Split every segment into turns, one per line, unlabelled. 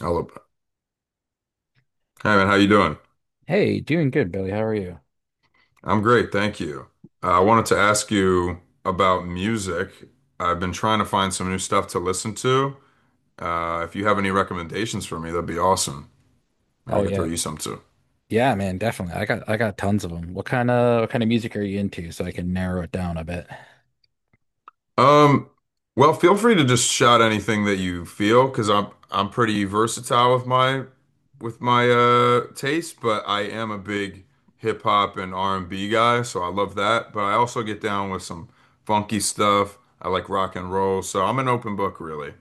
Hello. Hey man, how you doing?
Hey, doing good, Billy. How are you?
I'm great, thank you. I wanted to ask you about music. I've been trying to find some new stuff to listen to. If you have any recommendations for me, that'd be awesome. Maybe
Oh
I could throw
yeah.
you some too.
Yeah, man, definitely. I got tons of them. What kind of music are you into so I can narrow it down a bit?
Um, well, feel free to just shout anything that you feel, because I'm pretty versatile with my taste, but I am a big hip hop and R&B guy, so I love that. But I also get down with some funky stuff. I like rock and roll, so I'm an open book, really.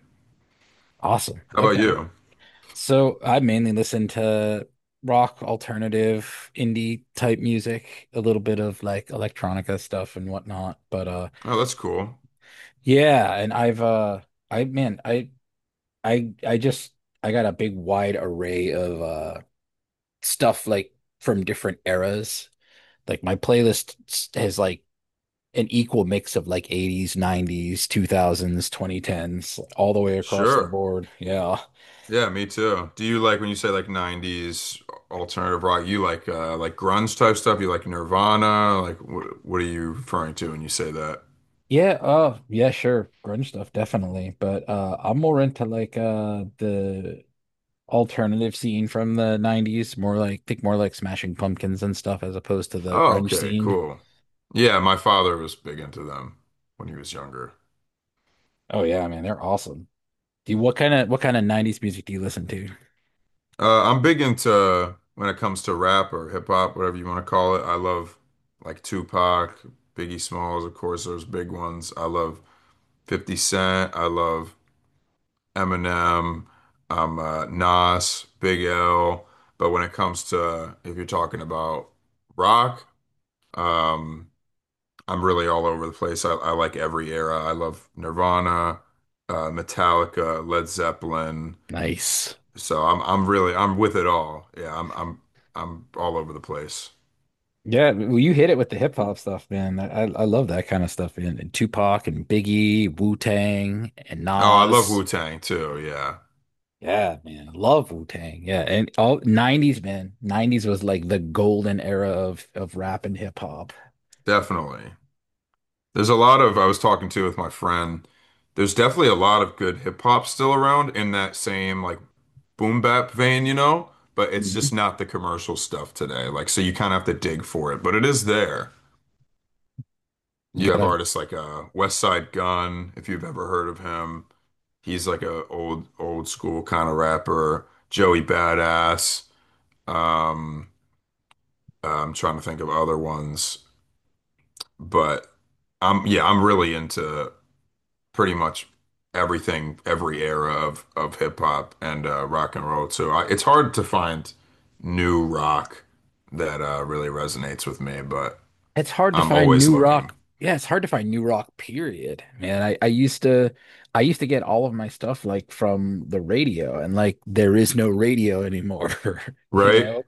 Awesome.
How about
Okay.
you?
So I mainly listen to rock, alternative, indie type music, a little bit of like electronica stuff and whatnot.
Oh, that's cool.
And I've I man, I just I got a big wide array of stuff like from different eras. Like my has like an equal mix of like 80s, 90s, 2000s, 2010s, all the way across the
Sure.
board. Yeah.
Yeah, me too. Do you like when you say like 90s alternative rock, you like grunge type stuff? You like Nirvana? Like what are you referring to when you say that?
Yeah, sure. Grunge stuff, definitely. But I'm more into the alternative scene from the 90s, more like think more like Smashing Pumpkins and stuff as opposed to the
Oh,
grunge
okay,
scene.
cool. Yeah, my father was big into them when he was younger.
Oh yeah, man, they're awesome. What kind of 90s music do you listen to?
I'm big into when it comes to rap or hip hop, whatever you want to call it. I love like Tupac, Biggie Smalls, of course, those big ones. I love 50 Cent. I love Eminem. I'm Nas, Big L. But when it comes to if you're talking about rock, um, I'm really all over the place. I like every era. I love Nirvana, Metallica, Led Zeppelin.
Nice.
So I'm really I'm with it all. Yeah, I'm I'm all over the place.
Yeah, well, you hit it with the hip hop stuff, man. I love that kind of stuff, man. And Tupac and Biggie, Wu-Tang and
Oh, I love
Nas.
Wu-Tang too. Yeah,
Yeah, man. Love Wu-Tang. Yeah, and all 90s, man. 90s was like the golden era of rap and hip hop.
definitely. There's a lot of I was talking to with my friend. There's definitely a lot of good hip hop still around in that same like boom bap vein, you know, but it's just
Mhm.
not the commercial stuff today. Like so you kind of have to dig for it, but it is there.
You
You have
gotta
artists like West Side Gun, if you've ever heard of him. He's like a old old school kind of rapper. Joey Badass. Um, I'm trying to think of other ones, but I'm yeah, I'm really into pretty much everything, every era of hip hop and rock and roll too. It's hard to find new rock that really resonates with me, but
It's hard to
I'm
find
always
new
looking.
rock. Yeah, it's hard to find new rock, period. Man, I used to get all of my stuff like from the radio and like there is no radio anymore, you
Right?
know?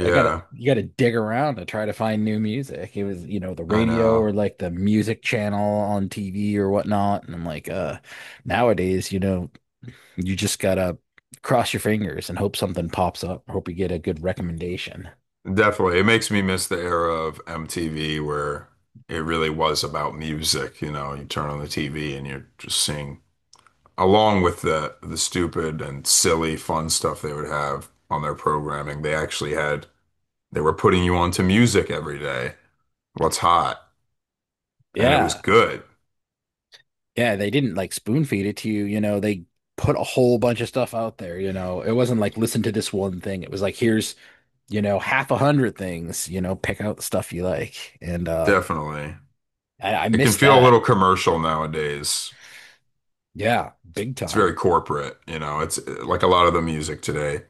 I gotta you gotta dig around to try to find new music. It was, you know, the
I
radio or
know.
like the music channel on TV or whatnot. And I'm nowadays, you know, you just gotta cross your fingers and hope something pops up, hope you get a good recommendation.
Definitely. It makes me miss the era of MTV where it really was about music. You know, you turn on the TV and you're just seeing, along with the stupid and silly fun stuff they would have on their programming, they actually had they were putting you onto music every day, what's hot, and it was
Yeah.
good.
Yeah, they didn't like spoon feed it to you, you know, they put a whole bunch of stuff out there, you know. It wasn't like listen to this one thing. It was like here's, you know, half a hundred things, you know, pick out the stuff you like. And
Definitely.
I
It can
missed
feel a
that.
little commercial nowadays.
Yeah, big
It's very
time.
corporate, you know. It's like a lot of the music today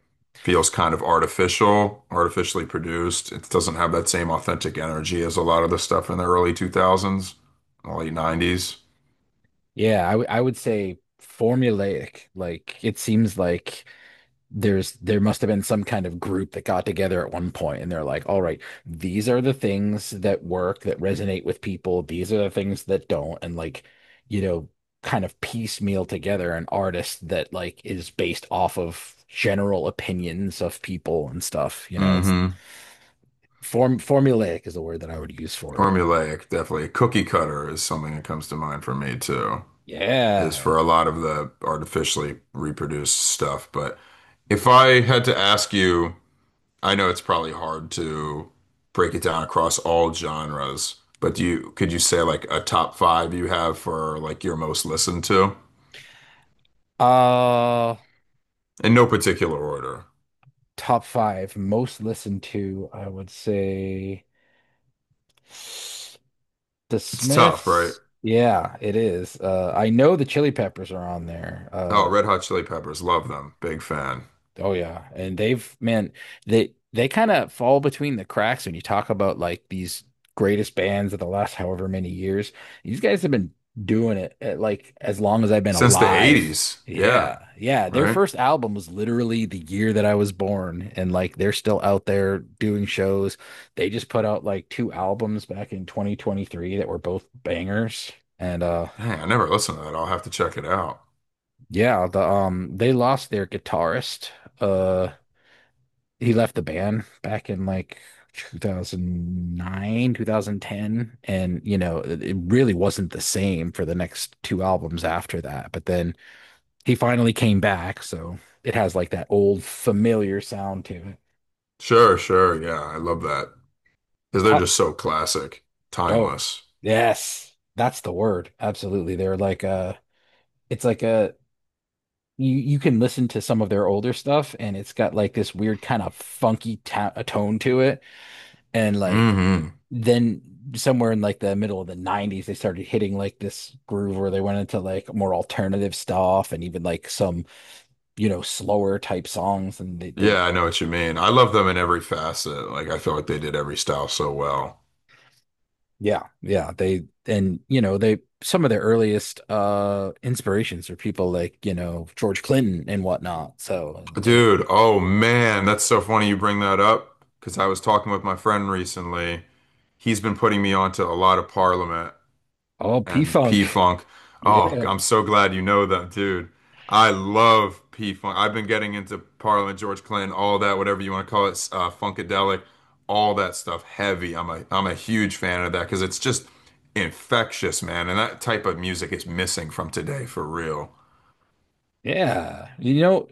feels kind of artificial, artificially produced. It doesn't have that same authentic energy as a lot of the stuff in the early 2000s, late 90s.
I would say formulaic. Like it seems like there must have been some kind of group that got together at one point and they're like, all right, these are the things that work, that resonate with people, these are the things that don't, and like, you know, kind of piecemeal together an artist that like is based off of general opinions of people and stuff. You know, it's
Hmm.
formulaic is the word that I would use for it.
Formulaic, definitely. Cookie cutter is something that comes to mind for me too, is for
Yeah.
a lot of the artificially reproduced stuff. But if I had to ask you, I know it's probably hard to break it down across all genres, but do you could you say like a top five you have for like your most listened to?
Uh,
In no particular order.
top five most listened to, I would say. The
It's tough, right?
Smiths, yeah, it is. I know the Chili Peppers are on there.
Oh, Red Hot Chili Peppers, love them. Big fan.
Oh yeah, and they kind of fall between the cracks when you talk about like these greatest bands of the last however many years. These guys have been doing it like as long as I've been
Since the
alive.
80s. Yeah,
Yeah, yeah. Their
right?
first album was literally the year that I was born, and like they're still out there doing shows. They just put out like two albums back in 2023 that were both bangers. And
Dang, I never listened to that. I'll have to check it out.
Yeah, the they lost their guitarist. Uh he left the band back in like 2009, 2010 and you know, it really wasn't the same for the next two albums after that. But then he finally came back, so it has like that old familiar sound to it.
Sure, sure. Yeah, I love that.
The
Because they're
top
just so classic,
oh,
timeless.
yes. That's the word. Absolutely. They're like it's like a you can listen to some of their older stuff and it's got like this weird kind of funky tone to it. And like
Hmm.
then somewhere in like the middle of the 90s, they started hitting like this groove where they went into like more alternative stuff and even like some, you know, slower type songs. And they
Yeah, I know what you mean. I love them in every facet. Like I feel like they did every style so well.
yeah, yeah, they, and you know, they, some of their earliest inspirations are people like, you know, George Clinton and whatnot.
Dude, oh man, that's so funny you bring that up because I was talking with my friend recently. He's been putting me onto a lot of Parliament
Oh, P
and
Funk.
P-Funk. Oh,
Yeah.
I'm so glad you know that, dude. I love P-Funk. I've been getting into Parliament, George Clinton, all that, whatever you want to call it, Funkadelic, all that stuff, heavy. I'm a huge fan of that because it's just infectious, man. And that type of music is missing from today for real.
Yeah. You know,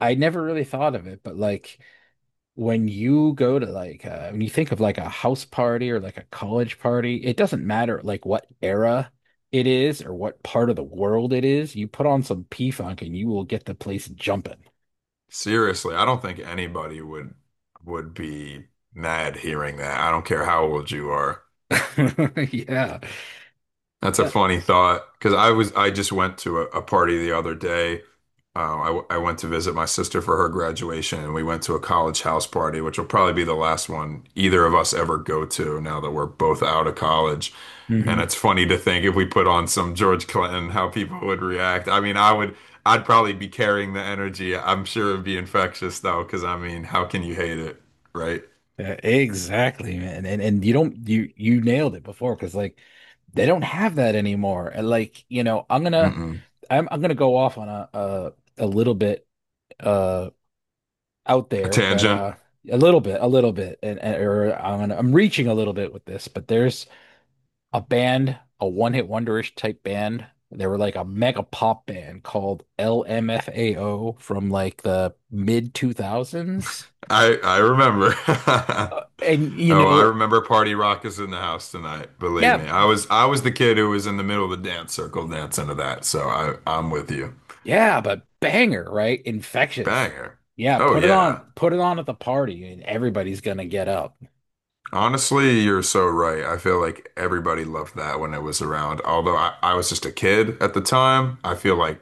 I never really thought of it, but like, when you go to like when you think of like a house party or like a college party, it doesn't matter like what era it is or what part of the world it is. You put on some P-Funk and you will get the place jumping.
Seriously, I don't think anybody would be mad hearing that. I don't care how old you are.
Yeah.
That's a
Yeah.
funny thought because I just went to a party the other day. I went to visit my sister for her graduation, and we went to a college house party, which will probably be the last one either of us ever go to now that we're both out of college. And
hmm
it's funny to think if we put on some George Clinton, how people would react. I mean, I'd probably be carrying the energy. I'm sure it'd be infectious though, because I mean, how can you hate it, right?
Yeah, exactly, man. And you don't you nailed it before because like they don't have that anymore. And like, you know,
Mm-mm.
I'm gonna go off on a little bit uh, out
A
there, but
tangent.
a little bit, or I'm reaching a little bit with this, but there's a band, a one-hit wonderish type band. They were like a mega pop band called LMFAO from like the mid 2000s.
I remember.
Uh, and you
Oh, I
know,
remember Party Rock is in the house tonight. Believe me,
yeah,
I was the kid who was in the middle of the dance circle dancing to that. So I'm with you.
yeah, but banger, right? Infectious.
Banger.
Yeah,
Oh yeah.
put it on at the party and everybody's gonna get up.
Honestly, you're so right. I feel like everybody loved that when it was around. Although I was just a kid at the time, I feel like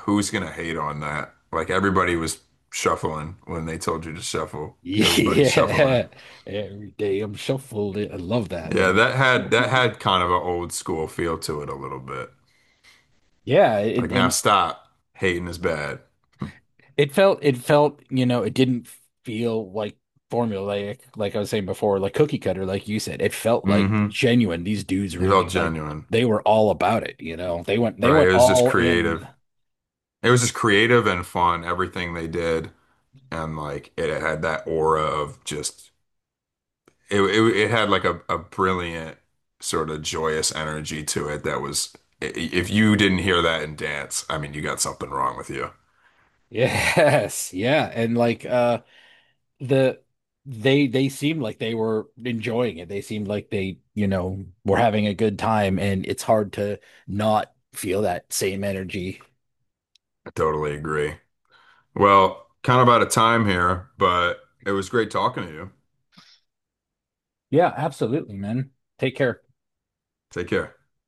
who's gonna hate on that? Like everybody was shuffling when they told you to shuffle. Everybody's shuffling.
Yeah. Every day I'm shuffled. I love that,
Yeah,
man.
that had kind of an old school feel to it a little bit.
Yeah,
Like
it,
now
and
stop. Hating is bad.
it felt, you know, it didn't feel like formulaic, like I was saying before, like cookie cutter, like you said. It felt like
Hmm.
genuine. These dudes
It felt
really like
genuine,
they were all about it, you know. They
right?
went
It was just
all in.
creative. It was just creative and fun, everything they did. And like it had that aura of just it had like a brilliant sort of joyous energy to it that was if you didn't hear that in dance, I mean you got something wrong with you.
Yes, yeah. And the they seemed like they were enjoying it. They seemed like they, you know, were having a good time and it's hard to not feel that same energy.
I totally agree. Well, kind of out of time here, but it was great talking to you.
Yeah, absolutely, man. Take care.
Take care.